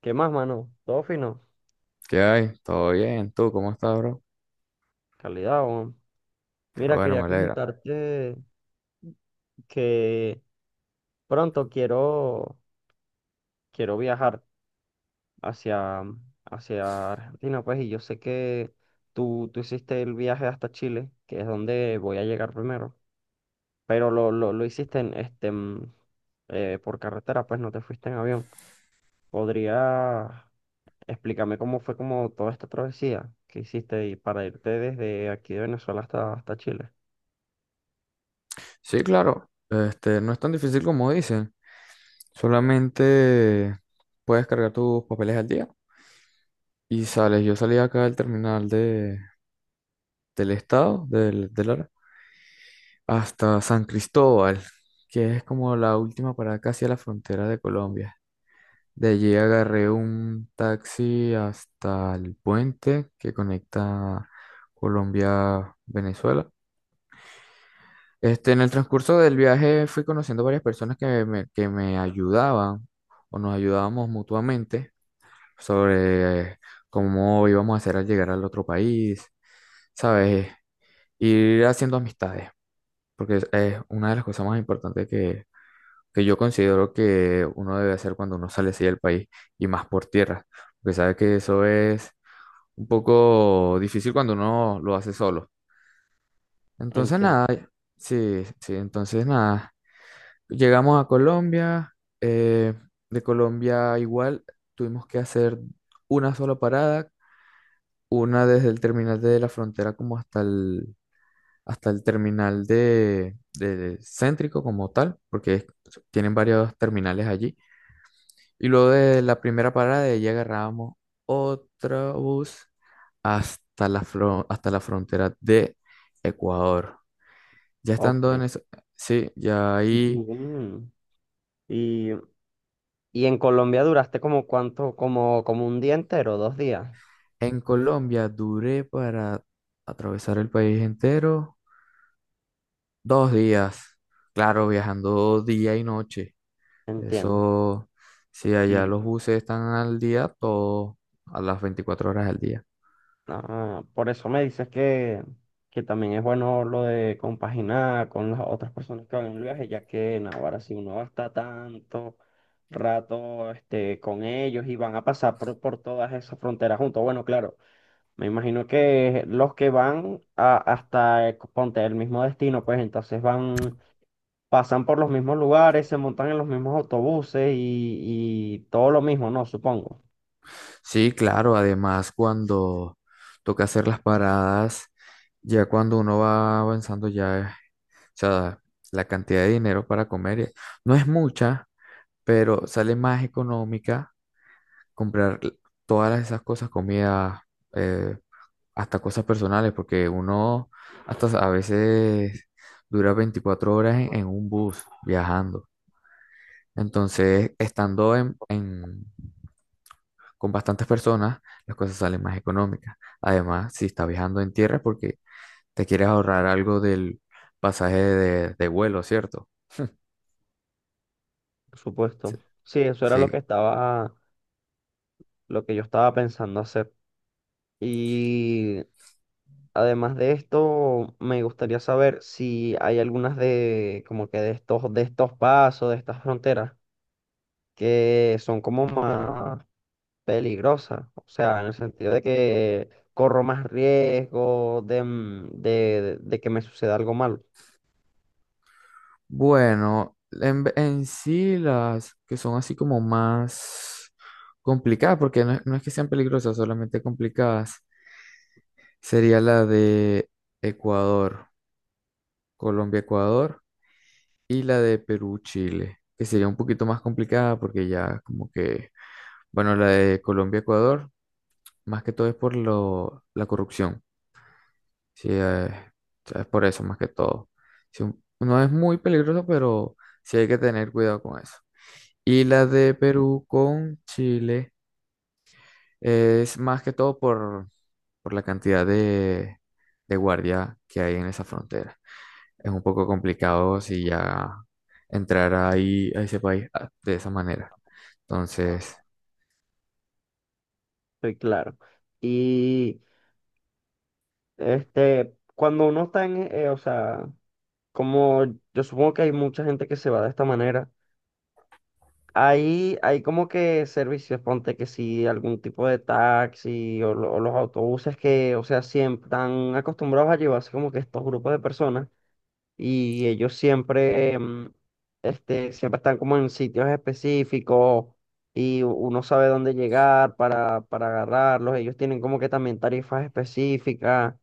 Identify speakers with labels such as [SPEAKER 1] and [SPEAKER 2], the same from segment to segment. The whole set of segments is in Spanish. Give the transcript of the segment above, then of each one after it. [SPEAKER 1] ¿Qué más, mano? Todo fino.
[SPEAKER 2] ¿Qué hay? ¿Todo bien? ¿Tú cómo estás, bro?
[SPEAKER 1] Calidad, weón.
[SPEAKER 2] Qué
[SPEAKER 1] Mira,
[SPEAKER 2] bueno,
[SPEAKER 1] quería
[SPEAKER 2] me alegra.
[SPEAKER 1] comentarte que pronto quiero viajar hacia, hacia Argentina, pues, y yo sé que tú hiciste el viaje hasta Chile, que es donde voy a llegar primero, pero lo hiciste en, este, por carretera, pues no te fuiste en avión. ¿Podría explicarme cómo fue como toda esta travesía que hiciste y para irte desde aquí de Venezuela hasta, hasta Chile?
[SPEAKER 2] Sí, claro. No es tan difícil como dicen. Solamente puedes cargar tus papeles al día y sales. Yo salí acá del terminal del estado, del Lara, hasta San Cristóbal, que es como la última parada casi a la frontera de Colombia. De allí agarré un taxi hasta el puente que conecta Colombia-Venezuela. En el transcurso del viaje fui conociendo varias personas que me ayudaban o nos ayudábamos mutuamente sobre cómo íbamos a hacer al llegar al otro país, ¿sabes? Ir haciendo amistades, porque es una de las cosas más importantes que yo considero que uno debe hacer cuando uno sale así del país y más por tierra, porque sabe que eso es un poco difícil cuando uno lo hace solo. Entonces,
[SPEAKER 1] Entiendo.
[SPEAKER 2] nada, sí, sí, entonces nada. Llegamos a Colombia, eh, de Colombia igual tuvimos que hacer una sola parada, una desde el terminal de la frontera como hasta hasta el terminal de céntrico como tal, tienen varios terminales allí. Y luego de la primera parada de allí agarrábamos otro bus hasta hasta la frontera de Ecuador. Ya estando en
[SPEAKER 1] Ok.
[SPEAKER 2] eso, sí, ya ahí...
[SPEAKER 1] Mm. Y, y en Colombia duraste como cuánto, como, como un día entero, dos días,
[SPEAKER 2] En Colombia duré para atravesar el país entero 2 días. Claro, viajando día y noche.
[SPEAKER 1] entiendo.
[SPEAKER 2] Eso, si allá
[SPEAKER 1] Y
[SPEAKER 2] los buses están al día, todo a las 24 horas del día.
[SPEAKER 1] ah, por eso me dices que también es bueno lo de compaginar con las otras personas que van en el viaje, ya que en ahora si uno va a estar tanto rato este, con ellos y van a pasar por todas esas fronteras juntos. Bueno, claro, me imagino que los que van a- hasta, ponte, el mismo destino, pues entonces van pasan por los mismos lugares, se montan en los mismos autobuses y todo lo mismo, ¿no? Supongo,
[SPEAKER 2] Sí, claro, además cuando toca hacer las paradas, ya cuando uno va avanzando, ya, o sea, la cantidad de dinero para comer no es mucha, pero sale más económica comprar todas esas cosas, comida, eh, hasta cosas personales, porque uno hasta a veces dura 24 horas en un bus viajando. Entonces, con bastantes personas, las cosas salen más económicas. Además, si está viajando en tierra es porque te quieres ahorrar algo del pasaje de vuelo, ¿cierto?
[SPEAKER 1] por
[SPEAKER 2] Sí.
[SPEAKER 1] supuesto. Sí, eso era lo que
[SPEAKER 2] Sí.
[SPEAKER 1] estaba, lo que yo estaba pensando hacer. Y además de esto, me gustaría saber si hay algunas de, como que de estos pasos, de estas fronteras, que son como más peligrosas. O sea, en el sentido de que corro más riesgo de, mm, de que me suceda algo malo.
[SPEAKER 2] Bueno, en sí las que son así como más complicadas, porque no es que sean peligrosas, solamente complicadas, sería la de Ecuador, Colombia, Ecuador, y la de Perú, Chile, que sería un poquito más complicada porque ya como que, bueno, la de Colombia, Ecuador, más que todo es por la corrupción, sí, o sea, es por eso más que todo. Sí, un- no es muy peligroso, pero sí hay que tener cuidado con eso. Y la de Perú con Chile es más que todo por la cantidad de guardia que hay en esa frontera. Es un poco complicado si ya entrar ahí a ese país ah, de esa manera. Entonces,
[SPEAKER 1] Sí, claro. Y este, cuando uno está en, o sea, como yo supongo que hay mucha gente que se va de esta manera, ahí hay como que servicios, ponte que sí, algún tipo de taxi o, lo- o los autobuses que, o sea, siempre están acostumbrados a llevarse como que estos grupos de personas. Y ellos siempre, este, siempre están como en sitios específicos y u- uno sabe dónde llegar para agarrarlos. Ellos tienen como que también tarifas específicas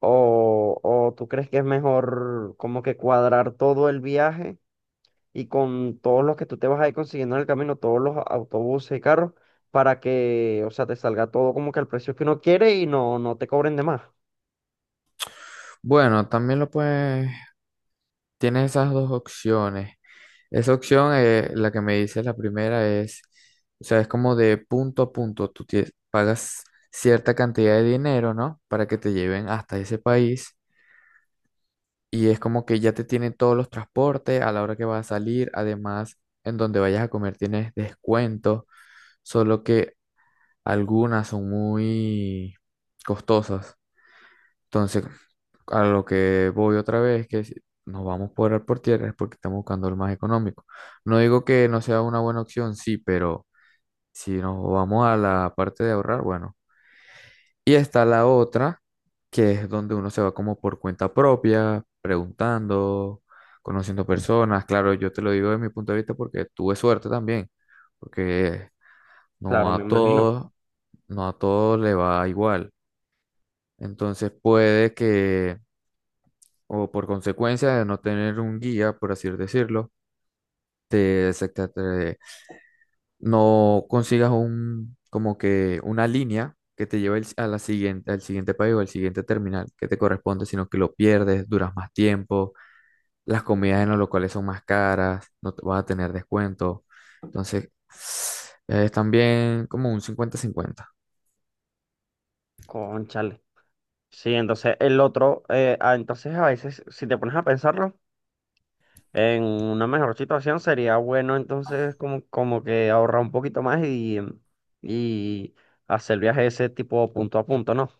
[SPEAKER 1] o tú crees que es mejor como que cuadrar todo el viaje y con todos los que tú te vas a ir consiguiendo en el camino, todos los autobuses y carros, para que, o sea, te salga todo como que al precio que uno quiere y no te cobren de más.
[SPEAKER 2] bueno, también lo puedes, tienes esas dos opciones. Esa opción, la que me dices la primera es, o sea, es como de punto a punto, tú tie- pagas cierta cantidad de dinero, ¿no? Para que te lleven hasta ese país. Y es como que ya te tienen todos los transportes a la hora que vas a salir. Además, en donde vayas a comer tienes descuentos, solo que algunas son muy costosas. Entonces, a lo que voy otra vez, que si nos vamos por el por tierra es porque estamos buscando el más económico. No digo que no sea una buena opción, sí, pero si nos vamos a la parte de ahorrar, bueno. Y está la otra, que es donde uno se va como por cuenta propia, preguntando, conociendo personas. Claro, yo te lo digo desde mi punto de vista porque tuve suerte también, porque
[SPEAKER 1] Claro,
[SPEAKER 2] no
[SPEAKER 1] me
[SPEAKER 2] a
[SPEAKER 1] imagino.
[SPEAKER 2] todos, no a todos le va igual. Entonces puede que, o por consecuencia de no tener un guía, por así decirlo, te, descarta- no consigas un, como que una línea que te lleve a la siguiente, al siguiente país o al siguiente terminal que te corresponde, sino que lo pierdes, duras más tiempo, las comidas en los locales son más caras, no te vas a tener descuento. Entonces, es también como un cincuenta cincuenta.
[SPEAKER 1] Cónchale. Sí, entonces el otro, ah, entonces a veces, si te pones a pensarlo, en una mejor situación sería bueno entonces como, como que ahorrar un poquito más y hacer el viaje ese tipo punto a punto, ¿no?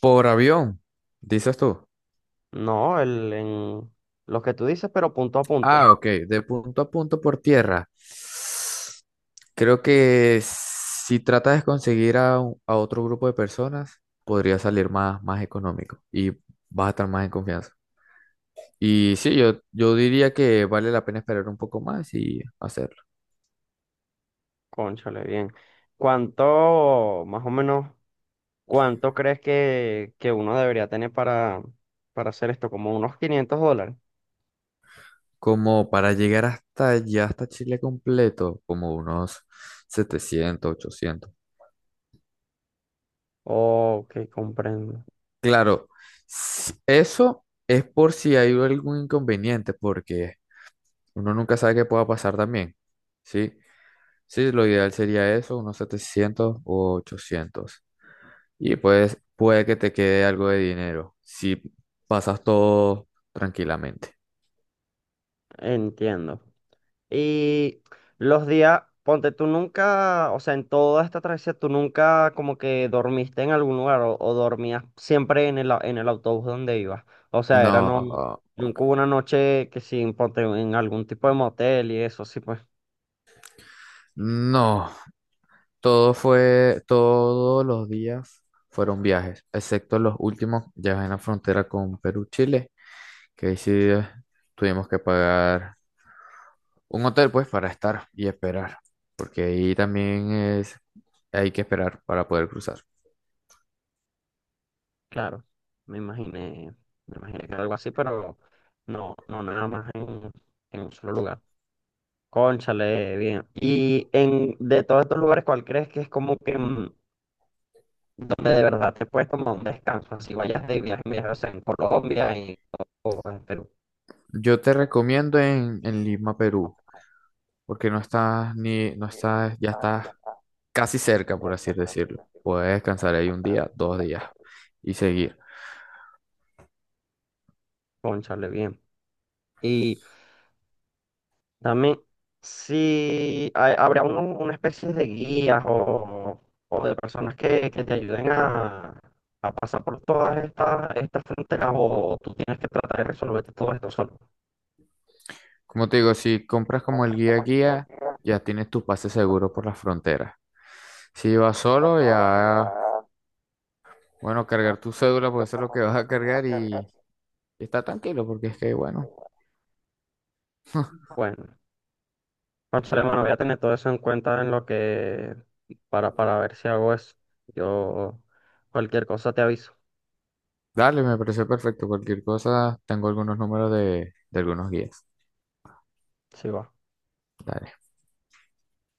[SPEAKER 2] Por avión, dices tú.
[SPEAKER 1] No, el, en lo que tú dices, pero punto a
[SPEAKER 2] Ah,
[SPEAKER 1] punto.
[SPEAKER 2] ok, de punto a punto por tierra. Creo que si tratas de conseguir a otro grupo de personas, podría salir más económico y vas a estar más en confianza. Y sí, yo diría que vale la pena esperar un poco más y hacerlo.
[SPEAKER 1] Cónchale, bien. ¿Cuánto, más o menos, cuánto crees que uno debería tener para hacer esto? ¿Como unos $500?
[SPEAKER 2] Como para llegar hasta allá, hasta Chile completo, como unos 700 800.
[SPEAKER 1] Ok, comprendo.
[SPEAKER 2] Claro, s- eso es por si hay algún inconveniente, porque uno nunca sabe qué pueda pasar también. Sí, sí, lo ideal sería eso, unos 700 u 800. Y pues puede que te quede algo de dinero si pasas todo tranquilamente.
[SPEAKER 1] Entiendo. Y los días, ponte, tú nunca, o sea, en toda esta travesía, tú nunca como que dormiste en algún lugar o dormías siempre en el, au- en el autobús donde ibas. O sea,
[SPEAKER 2] No,
[SPEAKER 1] era no,
[SPEAKER 2] ah, ok.
[SPEAKER 1] nunca hubo una noche que sin, ponte, en algún tipo de motel y eso, sí, pues,
[SPEAKER 2] No, todo fue, todos los días fueron viajes, excepto los últimos, ya en la frontera con Perú-Chile. Que ahí sí tuvimos que pagar un hotel pues para estar y esperar, porque ahí también es, hay que esperar para poder cruzar.
[SPEAKER 1] claro, me imaginé, me imaginé que era algo así, pero no, no, nada más en un solo lugar. Cónchale, bien. Y en, de todos estos lugares, ¿cuál crees que es como que mm, donde de verdad te puedes tomar un descanso, así vayas de viaje, mira, o sea, en Colombia y o en Perú.
[SPEAKER 2] Yo te recomiendo en Lima, Perú, porque no estás ni, no estás, ya estás casi cerca, por
[SPEAKER 1] Sí.
[SPEAKER 2] así
[SPEAKER 1] Bueno,
[SPEAKER 2] decirlo. Puedes descansar ahí un día,
[SPEAKER 1] sí,
[SPEAKER 2] dos días y seguir.
[SPEAKER 1] Cónchale, bien. Y también, si hay- habrá uno- una especie de guías o de personas que te ayuden a pasar por todas estas estas fronteras o tú tienes que tratar de resolverte todo esto solo.
[SPEAKER 2] Como te digo, si compras como el guía guía, ya tienes tu pase
[SPEAKER 1] Pues,
[SPEAKER 2] seguro por las fronteras. Si vas solo, ya bueno, cargar tu cédula, pues eso es lo que vas a cargar y está tranquilo, porque es que, bueno,
[SPEAKER 1] bueno, no sé, bueno, voy a tener todo eso en cuenta en lo que, para ver si hago eso. Yo cualquier cosa te aviso,
[SPEAKER 2] dale, me pareció perfecto. Cualquier cosa, tengo algunos números de algunos guías.
[SPEAKER 1] sí va.
[SPEAKER 2] Dale.